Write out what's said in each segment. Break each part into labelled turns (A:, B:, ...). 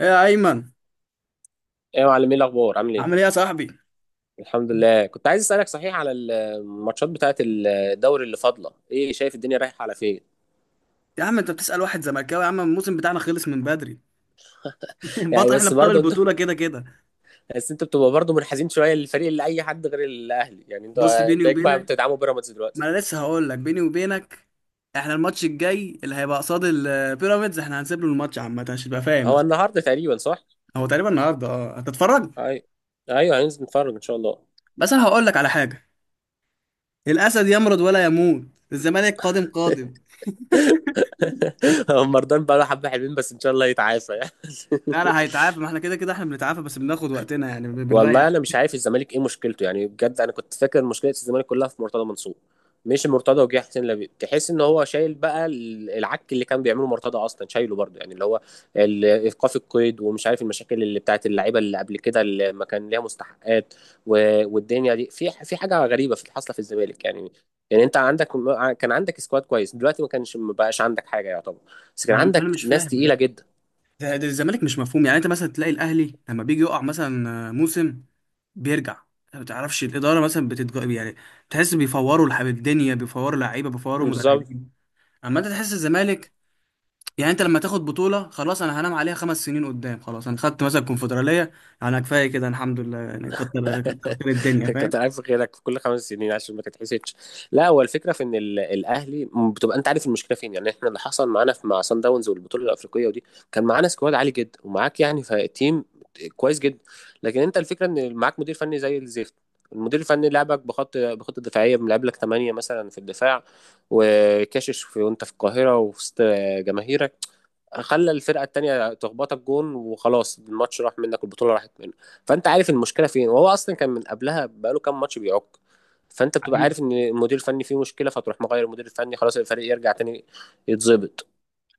A: ايه يا ايمن.
B: ايه يا معلم، ايه الاخبار؟ عامل ايه؟
A: عامل ايه يا صاحبي؟
B: الحمد لله. كنت عايز اسالك، صحيح، على الماتشات بتاعه الدوري اللي فاضله، ايه شايف الدنيا رايحه على فين؟
A: يا عم انت بتسأل واحد زملكاوي، يا عم الموسم بتاعنا خلص من بدري.
B: يعني
A: احنا
B: بس
A: ابطال
B: برضه انتوا
A: البطولة كده كده.
B: بس انتوا بتبقى برضه منحازين شويه للفريق اللي اي حد غير الاهلي، يعني
A: بص
B: انتوا
A: بيني
B: هتلاقيك بقى
A: وبينك،
B: بتدعموا بيراميدز دلوقتي.
A: ما انا لسه هقول لك بيني وبينك. احنا الماتش الجاي اللي هيبقى قصاد البيراميدز احنا هنسيب له الماتش عامة عشان تبقى فاهم
B: هو
A: بس.
B: النهارده تقريبا، صح؟
A: هو تقريبا النهارده، اه، هتتفرج؟
B: ايوه. ايوه هننزل نتفرج ان شاء الله.
A: بس انا هقول لك على حاجة. الاسد يمرض ولا يموت. الزمالك قادم قادم.
B: هو مرضان بقى له حبه حلوين، بس ان شاء الله يتعافى يعني.
A: لا لا، هيتعافى، ما احنا كده كده احنا بنتعافى بس بناخد وقتنا يعني
B: والله
A: بنريح.
B: انا مش عارف الزمالك ايه مشكلته يعني، بجد انا كنت فاكر مشكله الزمالك كلها في مرتضى منصور. مش مرتضى وجه حسين لبيب، تحس ان هو شايل بقى العك اللي كان بيعمله مرتضى اصلا، شايله برضه، يعني اللي هو ايقاف القيد ومش عارف المشاكل اللي بتاعت اللعيبه اللي قبل كده اللي ما كان ليها مستحقات. والدنيا دي، في حاجه غريبه في، حاصله في الزمالك يعني. يعني انت عندك، كان عندك سكواد كويس، دلوقتي ما كانش، ما بقاش عندك حاجه يعتبر. بس
A: ما
B: كان
A: انا
B: عندك
A: مش
B: ناس
A: فاهم
B: تقيله
A: بجد.
B: جدا.
A: ده الزمالك مش مفهوم، يعني انت مثلا تلاقي الاهلي لما بيجي يقع مثلا موسم بيرجع. ما تعرفش الاداره مثلا يعني تحس بيفوروا الحب، الدنيا بيفوروا لعيبه بيفوروا
B: بالظبط.
A: مدربين. اما انت تحس الزمالك، يعني انت لما تاخد بطوله خلاص انا هنام عليها 5 سنين قدام، خلاص انا خدت مثلا كونفدراليه، انا كفايه كده الحمد لله، يعني كتر كتر خير الدنيا
B: كنت
A: فاهم.
B: عارف غيرك في كل خمس سنين عشان ما تتحسدش. لا هو الفكره في ان الاهلي بتبقى انت عارف المشكله فين، يعني احنا اللي حصل معانا في مع سان داونز والبطوله الافريقيه ودي، كان معانا سكواد عالي جدا، ومعاك يعني تيم كويس جدا. لكن انت الفكره ان معاك مدير فني زي الزفت. المدير الفني لعبك بخطه دفاعيه، بيلعب لك 8 مثلا في الدفاع، وكاشش في، وانت في القاهره وفي وسط جماهيرك. خلى الفرقه التانيه تخبطك جون، وخلاص الماتش راح منك والبطوله راحت منك. فانت عارف المشكله فين، وهو اصلا كان من قبلها بقاله كام ماتش بيعك. فانت بتبقى
A: حقيقي
B: عارف ان المدير الفني فيه مشكله، فتروح مغير المدير الفني، خلاص الفريق يرجع تاني يتظبط.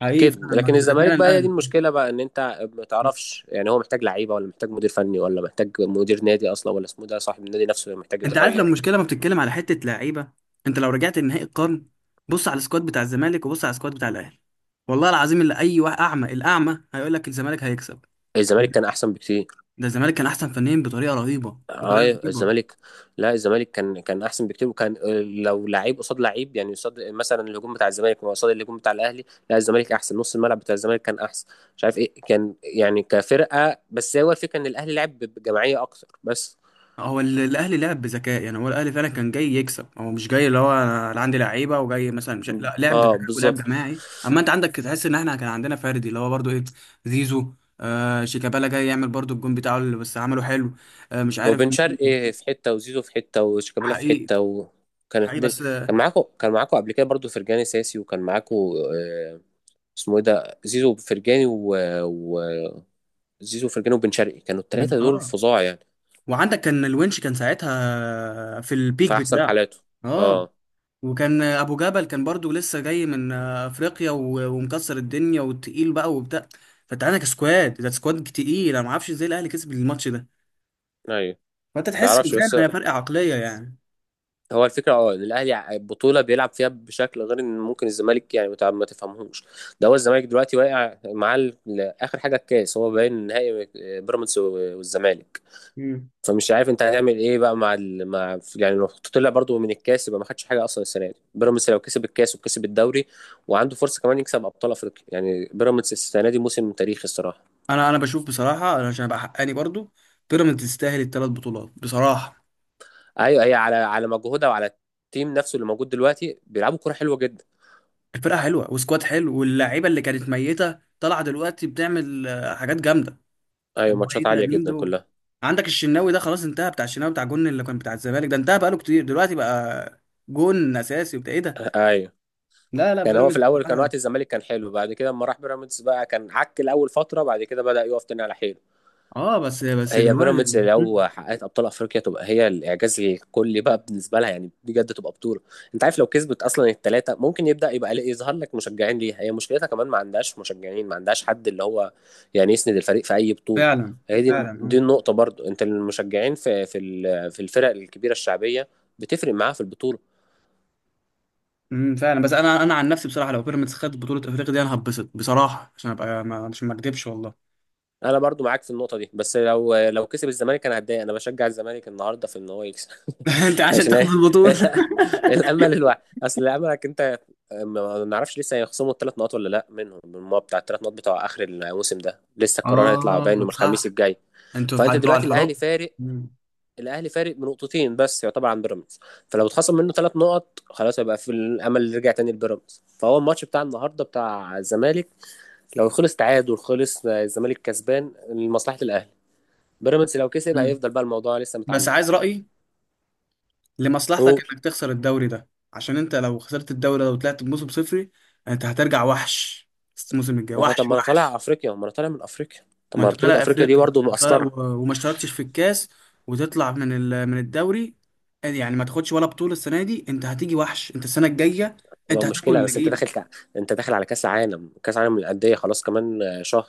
A: حقيقي،
B: كده. لكن
A: فعلا
B: الزمالك
A: فعلا
B: بقى هي دي
A: الاهلي.
B: المشكله بقى، ان انت ما تعرفش يعني هو محتاج لعيبه، ولا محتاج مدير فني، ولا محتاج مدير نادي اصلا، ولا اسمه ده صاحب النادي نفسه محتاج
A: انت عارف لو
B: يتغير.
A: المشكله ما بتتكلم على حته لعيبه، انت لو رجعت لنهائي القرن بص على السكواد بتاع الزمالك وبص على السكواد بتاع الاهلي، والله العظيم اللي اي واحد اعمى الاعمى هيقول لك الزمالك هيكسب.
B: الزمالك كان احسن بكتير.
A: ده الزمالك كان احسن فنيا بطريقه رهيبه
B: اه.
A: بطريقه رهيبه.
B: الزمالك، لا الزمالك كان احسن بكتير، وكان لو لعيب قصاد لعيب يعني، قصاد مثلا الهجوم بتاع الزمالك قصاد الهجوم بتاع الاهلي، لا الزمالك احسن. نص الملعب بتاع الزمالك كان احسن. مش عارف ايه كان يعني كفرقه، بس هو الفكره ان الاهلي لعب بجماعيه اكتر بس.
A: هو الاهلي لعب بذكاء، يعني هو الاهلي فعلا كان جاي يكسب، هو مش جاي اللي هو انا عندي لعيبه وجاي مثلا مش... لا لعب
B: اه
A: بذكاء ولعب
B: بالظبط.
A: جماعي. اما انت عندك تحس ان احنا كان عندنا فردي اللي هو برضو ايه، زيزو. آه شيكابالا جاي يعمل برضو الجون بتاعه اللي بس عمله حلو. آه مش عارف
B: وبن
A: مين.
B: شرقي في حته، وزيزو في حته، وشيكابالا في
A: حقيقي
B: حته، وكانت
A: حقيقي
B: الدنيا.
A: بس.
B: كان معاكم قبل كده برضو فرجاني ساسي، وكان معاكم آه، اسمه ايه ده، زيزو وفرجاني. زيزو وفرجاني وبن شرقي كانوا الثلاثه دول
A: اه،
B: فظاع يعني.
A: وعندك كان الونش كان ساعتها في البيك
B: في احسن
A: بتاعه.
B: حالاته.
A: اه.
B: اه.
A: وكان ابو جبل كان برضو لسه جاي من افريقيا ومكسر الدنيا وتقيل بقى وبتاع. فانت عندك سكواد، ده سكواد تقيل، انا ما اعرفش ازاي الاهلي كسب الماتش ده.
B: ايوه.
A: فانت تحس ان
B: تعرفش بس،
A: فعلا هي فرق عقليه يعني.
B: هو الفكره اه ان الاهلي البطوله بيلعب فيها بشكل غير ان ممكن الزمالك يعني ما تفهمهوش. ده هو الزمالك دلوقتي واقع مع اخر حاجه الكاس، هو باين نهائي بيراميدز والزمالك.
A: مم.
B: فمش عارف انت هتعمل ايه بقى مع يعني لو طلع برضو من الكاس يبقى ما خدش حاجه اصلا السنه دي. بيراميدز لو كسب الكاس وكسب الدوري، وعنده فرصه كمان يكسب ابطال افريقيا، يعني بيراميدز السنه دي موسم تاريخي الصراحه.
A: انا بشوف بصراحه، انا عشان ابقى حقاني برضو بيراميدز تستاهل 3 بطولات بصراحه.
B: ايوه. هي على مجهودها وعلى التيم نفسه اللي موجود دلوقتي، بيلعبوا كوره حلوه جدا.
A: الفرقه حلوه وسكواد حلو، واللعيبه اللي كانت ميته طالعه دلوقتي بتعمل حاجات جامده.
B: ايوه
A: أبو
B: ماتشات
A: ايه ده،
B: عاليه
A: مين
B: جدا
A: دول؟
B: كلها.
A: عندك الشناوي ده خلاص انتهى، بتاع الشناوي بتاع جون اللي كان بتاع الزمالك ده انتهى بقاله كتير دلوقتي بقى. جون اساسي وبتاع ايه ده.
B: ايوه.
A: لا لا،
B: كان هو في
A: بيراميدز
B: الاول كان وقت
A: بصراحة.
B: الزمالك كان حلو، بعد كده اما راح بيراميدز بقى كان عك الاول فتره، بعد كده بدأ يقف تاني على حيل.
A: اه، بس
B: هي
A: دلوقتي.
B: بيراميدز
A: مم.
B: لو حققت ابطال افريقيا تبقى هي الاعجاز الكلي بقى بالنسبه لها، يعني بجد تبقى بطوله. انت عارف لو كسبت اصلا الثلاثه ممكن يبدا يبقى يظهر لك مشجعين ليها، هي مشكلتها كمان ما عندهاش مشجعين، ما عندهاش حد اللي هو يعني يسند الفريق في اي بطوله.
A: فعلا
B: هي دي
A: فعلا
B: دي
A: اه.
B: النقطه برضو، انت المشجعين في في الفرق الكبيره الشعبيه بتفرق معاها في البطوله.
A: فعلا. بس انا عن نفسي بصراحه، لو بيراميدز خدت بطوله افريقيا دي انا هتبسط بصراحه عشان ابقى عشان ما اكدبش والله.
B: انا برضو معاك في النقطه دي، بس لو كسب الزمالك انا هتضايق، انا بشجع الزمالك النهارده في ان هو يكسب.
A: انت عشان
B: عشان
A: تاخد
B: إيه؟
A: البطوله.
B: الامل الوحيد اصل الاملك انت. ما نعرفش لسه هيخصموا الثلاث نقط ولا لا منهم من الماتش بتاع الثلاث نقط بتوع اخر الموسم ده، لسه القرار هيطلع باين
A: اه
B: يوم الخميس
A: صح.
B: الجاي.
A: انتوا في
B: فانت
A: حد على
B: دلوقتي
A: الحراك.
B: الاهلي فارق،
A: مم.
B: الاهلي فارق بنقطتين بس يعتبر عن بيراميدز. فلو اتخصم منه ثلاث نقط خلاص هيبقى في الامل اللي يرجع تاني لبيراميدز. فهو الماتش بتاع النهارده بتاع الزمالك، لو خلص تعادل خلص الزمالك كسبان لمصلحه الاهلي. بيراميدز لو كسب
A: مم.
B: هيفضل بقى الموضوع لسه
A: بس
B: متعلق.
A: عايز رايي، لمصلحتك
B: قول.
A: انك تخسر الدوري ده، عشان انت لو خسرت الدوري ده وطلعت بموسم صفري انت هترجع وحش الموسم الجاي،
B: ما هو طب،
A: وحش
B: ما انا طالع
A: وحش.
B: افريقيا، ما انا طالع من افريقيا. طب
A: ما
B: ما
A: انت
B: بطولة
A: طالع
B: افريقيا دي
A: افريقيا،
B: برضه مقصرة.
A: وما اشتركتش في الكاس وتطلع من من الدوري، يعني ما تاخدش ولا بطولة السنة دي، انت هتيجي وحش انت السنة الجاية، انت
B: تبقى
A: هتاكل
B: مشكلة،
A: اللي
B: بس انت
A: جيل.
B: داخل انت داخل على كاس عالم، كاس عالم للأندية، خلاص كمان شهر.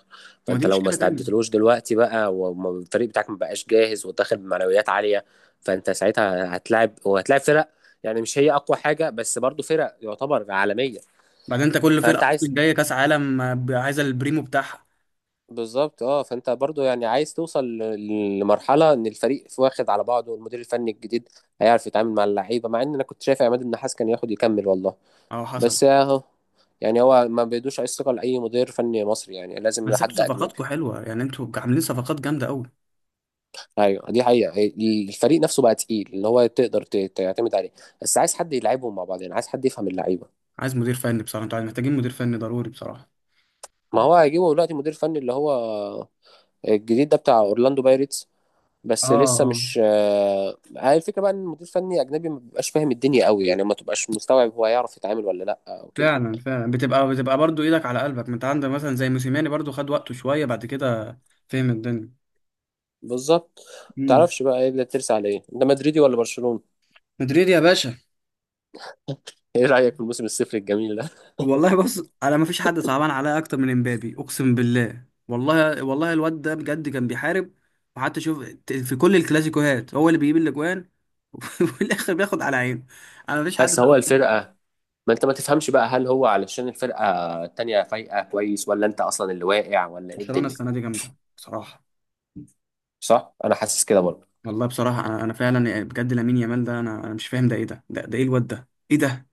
A: ما دي
B: فانت لو ما
A: مشكلة تانية.
B: استعدتلوش دلوقتي بقى، والفريق بتاعك ما بقاش جاهز وداخل بمعنويات عالية، فانت ساعتها هتلاعب، وهتلاعب فرق يعني مش هي اقوى حاجة بس برضه فرق يعتبر عالمية.
A: بعدين انت كل
B: فانت
A: فرقة اصلا
B: عايز،
A: جاية كاس عالم، عايزة البريمو بتاعها.
B: بالظبط اه. فانت برضو يعني عايز توصل لمرحله ان الفريق واخد على بعضه، والمدير الفني الجديد هيعرف يتعامل مع اللعيبه، مع ان انا كنت شايف عماد النحاس كان ياخد يكمل والله.
A: اهو حصل.
B: بس اهو. يعني هو ما بيدوش اي ثقه لاي مدير فني مصري، يعني لازم
A: بس انتوا
B: لحد اجنبي.
A: صفقاتكم حلوة، يعني انتوا عاملين صفقات جامدة قوي.
B: ايوه دي حقيقه. الفريق نفسه بقى تقيل، اللي هو تقدر تعتمد عليه، بس عايز حد يلعبهم مع بعض، يعني عايز حد يفهم اللعيبه.
A: عايز مدير فني بصراحة، انتوا محتاجين مدير فني ضروري بصراحة.
B: ما هو هيجيبه دلوقتي مدير فني اللي هو الجديد ده بتاع اورلاندو بايرتس،
A: اه،
B: بس لسه
A: اه،
B: مش هي الفكره بقى ان المدير الفني اجنبي ما بيبقاش فاهم الدنيا قوي، يعني ما تبقاش مستوعب هو يعرف يتعامل ولا لا او كده.
A: فعلا فعلا. بتبقى برضو ايدك على قلبك، ما انت عندك مثلا زي موسيماني برضو خد وقته شويه بعد كده، فهم الدنيا.
B: بالظبط. ما
A: امم
B: تعرفش بقى ايه اللي ترسى على ايه، انت مدريدي ولا برشلونه؟
A: مدريد يا باشا.
B: ايه رايك في الموسم الصفر الجميل ده؟
A: والله بص، انا ما فيش حد صعبان عليا اكتر من امبابي، اقسم بالله والله والله الواد ده بجد كان بيحارب، وحتى شوف في كل الكلاسيكوهات هو اللي بيجيب الاجوان. وفي الاخر بياخد على عينه. انا ما فيش حد
B: بس هو
A: صعبان عليا.
B: الفرقه، ما انت ما تفهمش بقى هل هو علشان الفرقه التانيه فايقه كويس، ولا انت اصلا اللي واقع، ولا ايه
A: برشلونه
B: الدنيا.
A: السنه دي جامده بصراحه.
B: صح، انا حاسس كده برضه.
A: والله بصراحه انا فعلا بجد لامين يامال ده، انا مش فاهم، ده ايه ده، ده ايه الواد ده، ايه ده.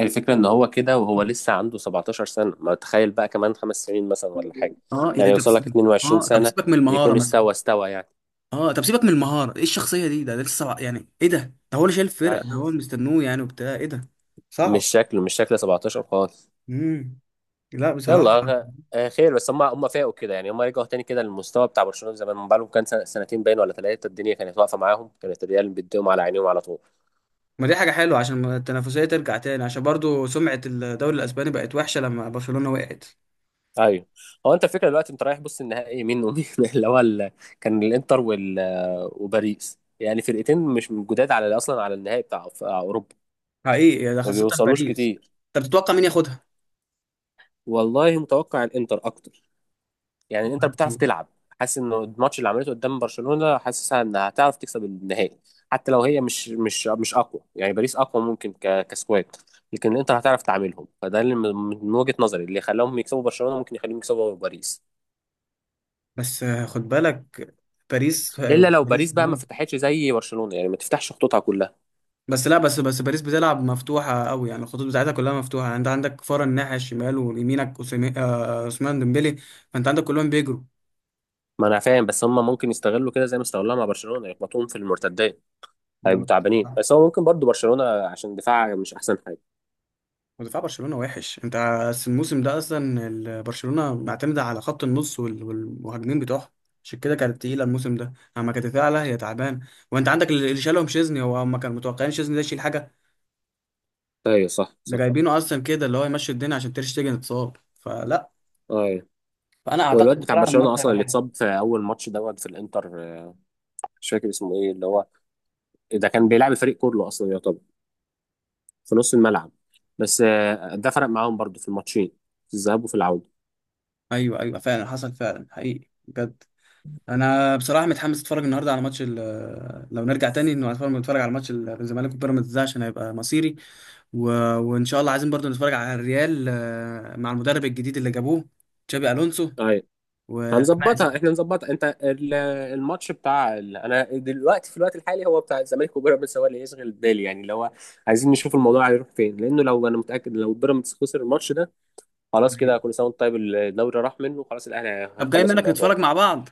B: الفكرة ان هو كده وهو لسه عنده 17 سنة، ما تخيل بقى كمان خمس سنين مثلا ولا حاجة،
A: اه، يعني
B: يعني
A: انت
B: يوصل لك 22
A: اه طب
B: سنة،
A: سيبك من المهاره
B: يكون
A: مثلا.
B: استوى استوى يعني.
A: اه طب سيبك من المهاره، ايه الشخصيه دي، ده لسه صعب. يعني ايه ده، ده هو اللي شايل الفرقه، ده
B: أيوة.
A: هو اللي مستنوه يعني وبتاع ايه ده.
B: مش
A: صعب.
B: شكله، مش شكله 17 خالص.
A: امم لا بصراحه.
B: يلا غ- خير بس، هم فاقوا كده يعني، هم رجعوا تاني كده للمستوى بتاع برشلونة زمان. من بقالهم كان سنتين باين ولا ثلاثة، الدنيا كانت واقفة معاهم، كانت الريال بيديهم على عينيهم على طول.
A: ما دي حاجه حلوه عشان ما التنافسيه ترجع تاني، عشان برضو سمعه الدوري الاسباني بقت وحشه لما برشلونه وقعت.
B: ايوه. هو انت الفكره دلوقتي، انت رايح بص النهائي مين ومين اللي هو كان الانتر وباريس، يعني فرقتين مش من جداد على اصلا على النهائي بتاع بتاع اوروبا،
A: حقيقي، يعني ده
B: ما
A: خاصه
B: بيوصلوش
A: باريس.
B: كتير.
A: طب تتوقع مين ياخدها؟
B: والله متوقع الانتر اكتر، يعني الانتر بتعرف تلعب. حاسس انه الماتش اللي عملته قدام برشلونه، حاسسها انها هتعرف تكسب النهائي. حتى لو هي مش مش اقوى يعني، باريس اقوى ممكن كسكواد، لكن الانتر هتعرف تعاملهم. فده اللي من وجهه نظري اللي خلاهم يكسبوا برشلونه، ممكن يخليهم يكسبوا باريس.
A: بس خد بالك، باريس
B: الا لو
A: باريس
B: باريس بقى ما فتحتش زي برشلونه، يعني ما تفتحش خطوطها كلها.
A: بس لا بس باريس بتلعب مفتوحة قوي، يعني الخطوط بتاعتها كلها مفتوحة، يعني انت عندك كفارة الناحية الشمال ويمينك عثمان ديمبلي. فانت عندك كلهم بيجروا.
B: ما انا فاهم، بس هم ممكن يستغلوا كده زي ما استغلوها مع برشلونه، يخبطوهم في المرتدات، هيبقوا
A: المهم،
B: تعبانين. بس هو ممكن برضو برشلونه عشان دفاعها مش احسن حاجه.
A: ودفاع برشلونة وحش، انت الموسم ده اصلا برشلونة معتمدة على خط النص والمهاجمين بتوعها. عشان كده كانت تقيلة الموسم ده، اما كانت تعلى هي تعبان. وانت عندك اللي شالهم شيزني، هو هم كانوا متوقعين شيزني ده يشيل حاجة،
B: ايوه صح
A: ده
B: صح.
A: جايبينه اصلا كده اللي هو يمشي الدنيا عشان تير شتيجن اتصاب فلا.
B: ايوه.
A: فانا
B: والواد
A: اعتقد
B: بتاع
A: فعلا
B: برشلونه
A: الماتش
B: اصلا
A: هيبقى
B: اللي
A: حلو.
B: اتصاب في اول ماتش دوت في الانتر، مش فاكر اسمه ايه، اللي هو ده كان بيلعب الفريق كله اصلا يعتبر في نص الملعب. بس ده فرق معاهم برضو في الماتشين، في الذهاب وفي العوده.
A: ايوه ايوه، فعلا حصل، فعلا حقيقي بجد. انا بصراحه متحمس اتفرج النهارده على ماتش لو نرجع تاني انه هنتفرج على ماتش الزمالك وبيراميدز ده عشان هيبقى مصيري. و... وان شاء الله عايزين برضو نتفرج على الريال، مع المدرب الجديد اللي جابوه، تشابي الونسو.
B: ايوه.
A: وحماس.
B: هنظبطها احنا، نظبطها انت، الماتش بتاع انا دلوقتي في الوقت الحالي هو بتاع الزمالك وبيراميدز هو اللي يشغل بالي، يعني اللي هو عايزين نشوف الموضوع هيروح فين. لانه لو، انا متاكد لو بيراميدز خسر الماتش ده، خلاص كده
A: حقيقي.
B: كل سنه وانت طيب، الدوري راح منه خلاص الاهلي
A: طب جاي
B: هيخلص
A: منك
B: الموضوع
A: نتفرج مع
B: ده.
A: بعض.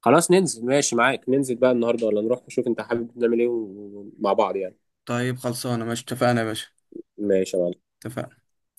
B: خلاص ننزل، ماشي معاك، ننزل بقى النهارده، ولا نروح نشوف، انت حابب نعمل ايه مع بعض يعني.
A: طيب خلصانه ماشي، اتفقنا يا باشا.
B: ماشي يا معلم.
A: اتفقنا.